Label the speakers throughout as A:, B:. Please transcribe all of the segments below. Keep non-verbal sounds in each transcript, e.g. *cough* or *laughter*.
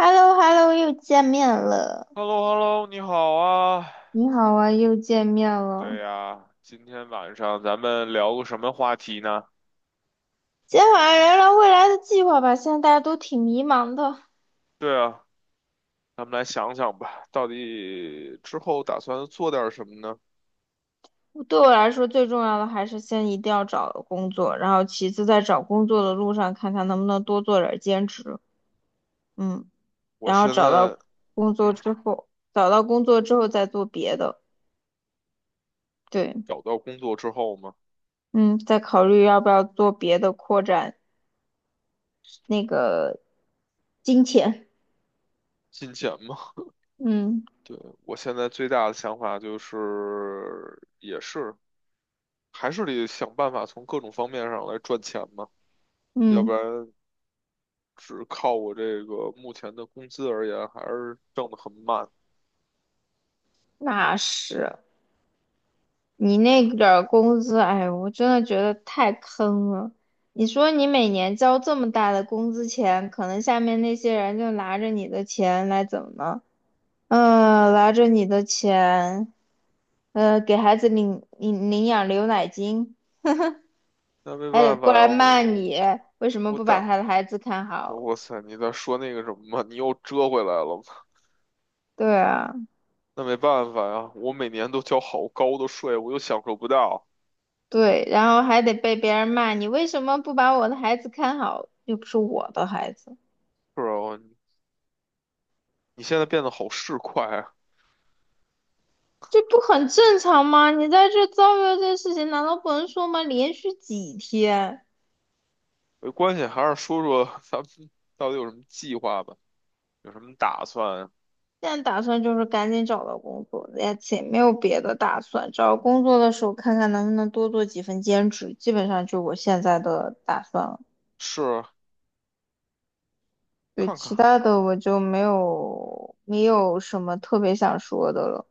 A: h e l l o h e l l o 又见面了。
B: h e l l o h e l l o 你好啊。
A: 你好啊，又见面了。
B: 对呀，今天晚上咱们聊个什么话题呢？
A: 今天晚上聊聊未来的计划吧。现在大家都挺迷茫的。
B: 对啊，咱们来想想吧，到底之后打算做点什么呢？
A: 对我来说，最重要的还是先一定要找工作，然后其次在找工作的路上，看看能不能多做点儿兼职。嗯，
B: 我
A: 然后
B: 现在，
A: 工作
B: 嗯，
A: 之后，找到工作之后再做别的。对，
B: 找到工作之后嘛，
A: 嗯，再考虑要不要做别的，扩展那个金钱。
B: 金钱嘛，
A: 嗯
B: 对，我现在最大的想法就是，也是，还是得想办法从各种方面上来赚钱嘛，要不
A: 嗯，
B: 然只靠我这个目前的工资而言，还是挣得很慢。
A: 那是。你那点儿工资，哎，我真的觉得太坑了。你说你每年交这么大的工资钱，可能下面那些人就拿着你的钱来怎么呢？拿着你的钱，给孩子领养牛奶金，
B: 那没
A: 还得
B: 办法
A: 过
B: 呀，
A: 来骂你，为什么
B: 我
A: 不把
B: 等。
A: 他的孩子看好？
B: 哇塞，你在说那个什么吗？你又折回来了吗？
A: 对啊，
B: 那没办法呀，我每年都交好高的税，我又享受不到。
A: 对，然后还得被别人骂你为什么不把我的孩子看好，又不是我的孩子。
B: 是啊，你现在变得好市侩啊。
A: 这不很正常吗？你在这遭遇了这事情，难道不能说吗？连续几天，
B: 没关系，还是说说 *laughs* 咱们到底有什么计划吧，有什么打算？
A: 现在打算就是赶紧找到工作，也且没有别的打算。找工作的时候看看能不能多做几份兼职，基本上就我现在的打算了。
B: 是
A: 对，
B: 看
A: 其
B: 看，
A: 他的我就没有什么特别想说的了。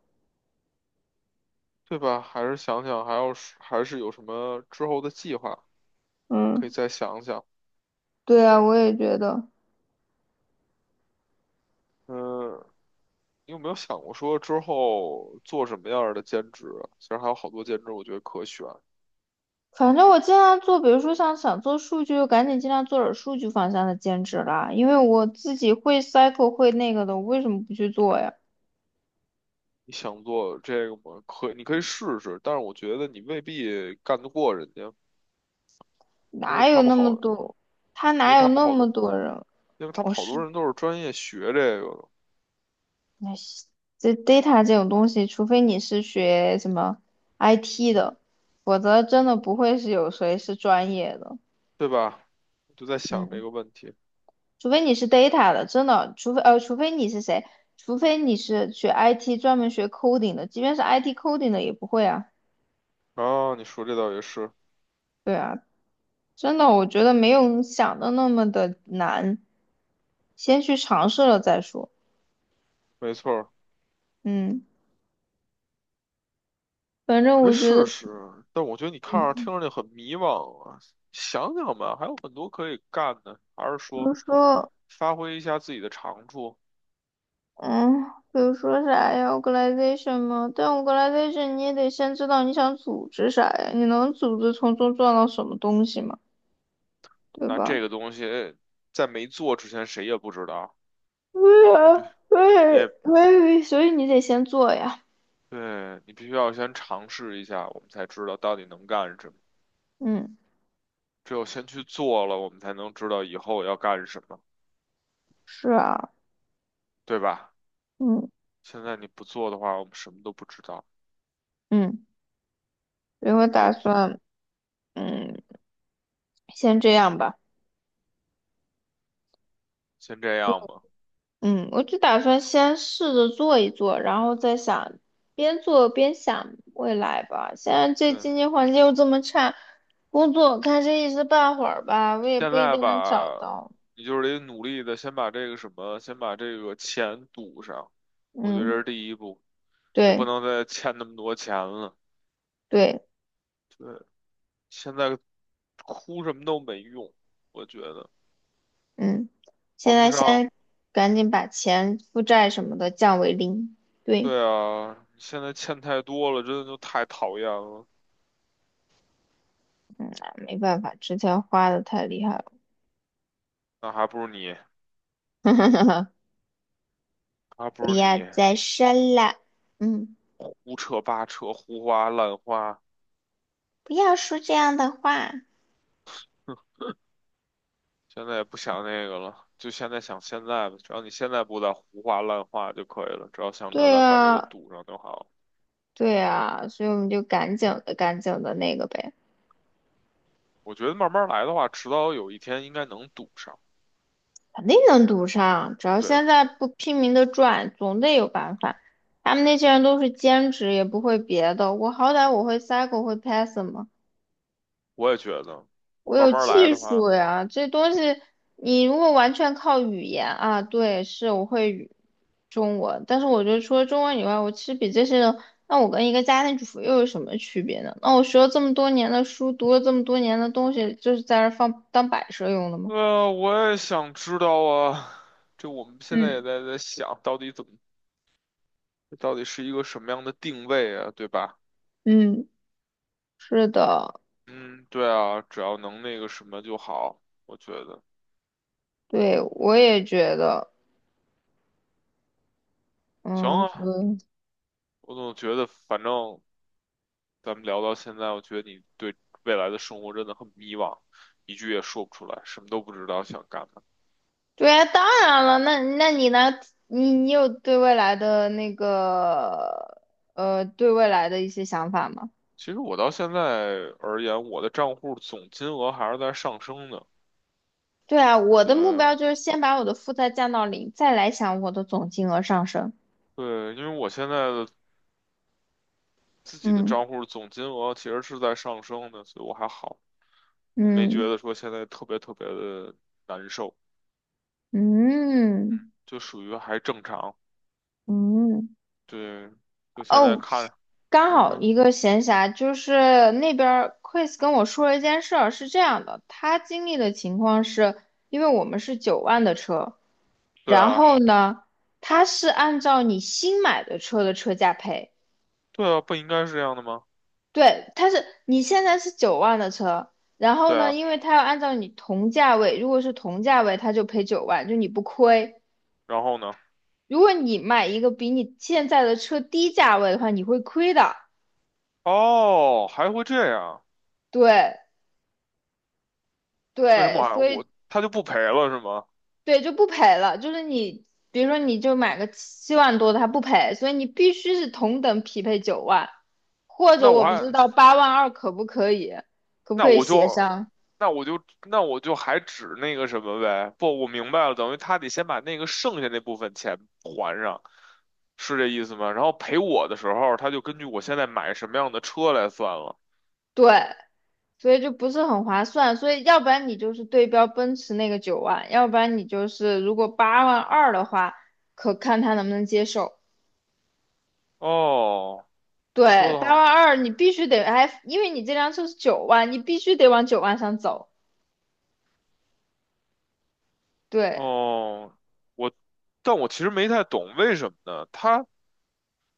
B: 对吧？还是想想，还要是还是有什么之后的计划，可以
A: 嗯，
B: 再想想。
A: 对啊，我也觉得。
B: 嗯，你有没有想过说之后做什么样儿的兼职啊？其实还有好多兼职，我觉得可选。
A: 反正我尽量做，比如说像想做数据，就赶紧尽量做点数据方向的兼职啦。因为我自己会 cycle 会那个的，我为什么不去做呀？
B: 你想做这个吗？可以，你可以试试，但是我觉得你未必干得过人家，因为
A: 哪有
B: 他们
A: 那
B: 好，
A: 么多？他
B: 因为
A: 哪
B: 他
A: 有
B: 们
A: 那
B: 好
A: 么
B: 多，
A: 多人？
B: 因为他
A: 我
B: 们好多
A: 是，
B: 人都是专业学这个的，
A: 哎，这 data 这种东西，除非你是学什么 IT 的，否则真的不会是有谁是专业的。
B: 对吧？我就在想这
A: 嗯，
B: 个问题。
A: 除非你是 data 的，真的，除非你是谁？除非你是学 IT 专门学 coding 的，即便是 IT coding 的也不会啊。
B: 啊，你说这倒也是，
A: 对啊，真的，我觉得没有你想的那么的难，先去尝试了再说。
B: 没错儿，
A: 嗯，反正
B: 可以
A: 我觉得，
B: 试试。但我觉得你看着
A: 嗯，
B: 听着就很迷茫啊，想想吧，还有很多可以干的，还是
A: 比如
B: 说
A: 说，
B: 发挥一下自己的长处。
A: 嗯，比如说啥呀，organization 嘛，但 organization 你也得先知道你想组织啥呀，你能组织从中赚到什么东西嘛，对
B: 那这
A: 吧？
B: 个东西在没做之前，谁也不知道。
A: 对啊，对，
B: 也。
A: 对，所以你得先做呀。
B: 对，你必须要先尝试一下，我们才知道到底能干什么。
A: 嗯，
B: 只有先去做了，我们才能知道以后要干什么，
A: 是啊，
B: 对吧？
A: 嗯
B: 现在你不做的话，我们什么都不知道。
A: 嗯，所以
B: 我
A: 我
B: 们
A: 打
B: 也
A: 算，嗯，先这样吧。
B: 先这样吧。
A: 嗯，我就打算先试着做一做，然后再想，边做边想未来吧。现在这
B: 对，
A: 经济环境又这么差，工作看这一时半会儿吧，我也
B: 现
A: 不一
B: 在
A: 定能找
B: 吧，
A: 到。
B: 你就是得努力的先把这个什么，先把这个钱堵上。我觉得这
A: 嗯，
B: 是第一步，也不
A: 对
B: 能再欠那么多钱了。
A: 对，
B: 对，现在哭什么都没用，我觉得
A: 嗯，现
B: 还不
A: 在
B: 上。
A: 先赶紧把钱、负债什么的降为零。对，
B: 对啊，现在欠太多了，真的就太讨厌了。
A: 嗯，没办法，之前花的太厉害了，
B: 那还不如你，
A: *laughs*
B: 还不
A: 不
B: 如
A: 要
B: 你
A: 再生了。嗯，
B: 胡扯八扯、胡花乱花。
A: 不要说这样的话。
B: *laughs* 现在也不想那个了，就现在想现在吧。只要你现在不再胡话乱话就可以了，只要想着
A: 对
B: 咱把这个
A: 啊。
B: 堵上就好了。
A: 对啊，所以我们就赶紧的那个呗，
B: 我觉得慢慢来的话，迟早有一天应该能堵上。
A: 肯定能读上。只要
B: 对，
A: 现在不拼命的赚，总得有办法。他们那些人都是兼职，也不会别的。我好歹我会 Cycle，会 Python 嘛，
B: 我也觉得，
A: 我
B: 慢
A: 有
B: 慢来
A: 技
B: 的话，
A: 术呀。这东西你如果完全靠语言啊，对，是我会中文，但是我觉得除了中文以外，我其实比这些人，那我跟一个家庭主妇又有什么区别呢？那我学了这么多年的书，读了这么多年的东西，就是在这儿放当摆设用的吗？
B: 我也想知道啊。*laughs* 这我们现在也
A: 嗯
B: 在在想，到底怎么这到底是一个什么样的定位啊，对吧？
A: 嗯，是的，
B: 嗯，对啊，只要能那个什么就好，我觉得
A: 对，我也觉得，
B: 行
A: 嗯，所
B: 啊。
A: 以，
B: 我总觉得，反正咱们聊到现在，我觉得你对未来的生活真的很迷茫，一句也说不出来，什么都不知道想干嘛。
A: 对啊，当然了，那你呢？你有对未来的那个，对未来的一些想法吗？
B: 其实我到现在而言，我的账户总金额还是在上升的。
A: 对啊，我
B: 对
A: 的目标就是先把我的负债降到零，再来想我的总金额上升。
B: 对，因为我现在的自己的
A: 嗯
B: 账户总金额其实是在上升的，所以我还好，我没觉
A: 嗯
B: 得说现在特别特别的难受。
A: 嗯
B: 就属于还正常。
A: 嗯。
B: 对，就现在
A: 哦，
B: 看，
A: 刚
B: 嗯
A: 好
B: 哼，
A: 一个闲暇，就是那边儿 Chris 跟我说了一件事儿，是这样的，他经历的情况是，因为我们是九万的车，
B: 对
A: 然
B: 啊，
A: 后呢，他是按照你新买的车的车价赔，
B: 对啊，不应该是这样的吗？
A: 对，他是你现在是九万的车，然后
B: 对
A: 呢，
B: 啊，
A: 因为他要按照你同价位，如果是同价位，他就赔九万，就你不亏，
B: 然后呢？
A: 如果你买一个比你现在的车低价位的话，你会亏的，
B: 哦，还会这样？
A: 对。
B: 为什
A: 对，
B: 么还
A: 所以
B: 我他就不赔了是吗？
A: 对，就不赔了。就是你，比如说你就买个7万多的，它不赔，所以你必须是同等匹配九万，或者
B: 那我
A: 我不知
B: 还
A: 道八万二可不可以，可不
B: 那
A: 可以
B: 我
A: 协
B: 就
A: 商？
B: 那我就那我就还指那个什么呗？不，我明白了，等于他得先把那个剩下那部分钱还上，是这意思吗？然后赔我的时候，他就根据我现在买什么样的车来算了。
A: 对，所以就不是很划算。所以要不然你就是对标奔驰那个九万，要不然你就是如果八万二的话，可看他能不能接受。
B: 哦，说
A: 对，八
B: 的
A: 万二你必须得，哎，因为你这辆车是九万，你必须得往九万上走。对。
B: 哦，我，但我其实没太懂为什么呢？他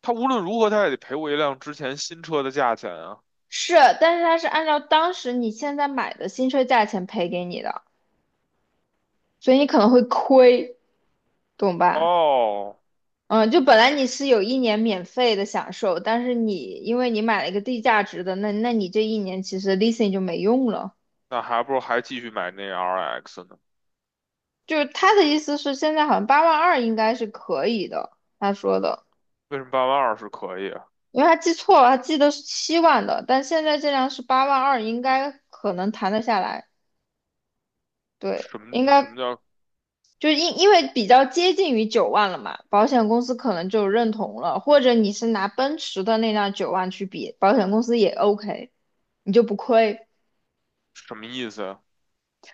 B: 他无论如何他也得赔我一辆之前新车的价钱啊。
A: 是，但是他是按照当时你现在买的新车价钱赔给你的，所以你可能会亏，懂吧？
B: 哦，
A: 嗯，就本来你是有一年免费的享受，但是你因为你买了一个低价值的，那你这一年其实 leasing 就没用了。
B: 那还不如还继续买那 RX 呢？
A: 就是他的意思是，现在好像八万二应该是可以的，他说的，
B: 为什么八万二是可以啊？
A: 因为他记错了，他记得是七万的，但现在这辆是八万二，应该可能谈得下来，对，
B: 什么
A: 应
B: 什
A: 该
B: 么叫
A: 就是因为比较接近于九万了嘛，保险公司可能就认同了，或者你是拿奔驰的那辆九万去比，保险公司也 OK，你就不亏。
B: 什么意思啊？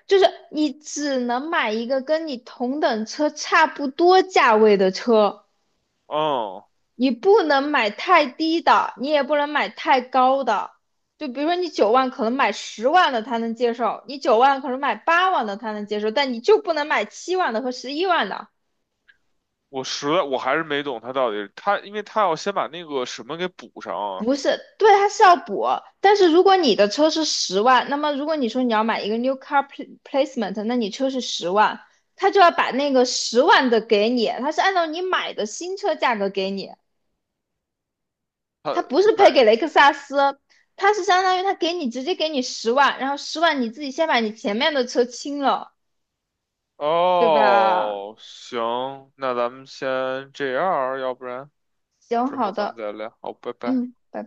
A: 就是你只能买一个跟你同等车差不多价位的车，
B: 嗯，
A: 你不能买太低的，你也不能买太高的。就比如说你九万可能买十万的他能接受，你九万可能买八万的他能接受，但你就不能买七万的和11万的。
B: 我实在我还是没懂他到底他，因为他要先把那个什么给补上啊。
A: 不是，对，他是要补。但是如果你的车是十万，那么如果你说你要买一个 new car placement，那你车是十万，他就要把那个十万的给你，他是按照你买的新车价格给你，
B: 他
A: 他不是赔
B: 买
A: 给雷克萨斯，他是相当于他给你直接给你十万，然后十万你自己先把你前面的车清了，对吧？
B: 哦，行，那咱们先这样儿要不然
A: 行，
B: 之
A: 好
B: 后咱们
A: 的，
B: 再聊。好，拜拜。
A: 嗯，拜拜。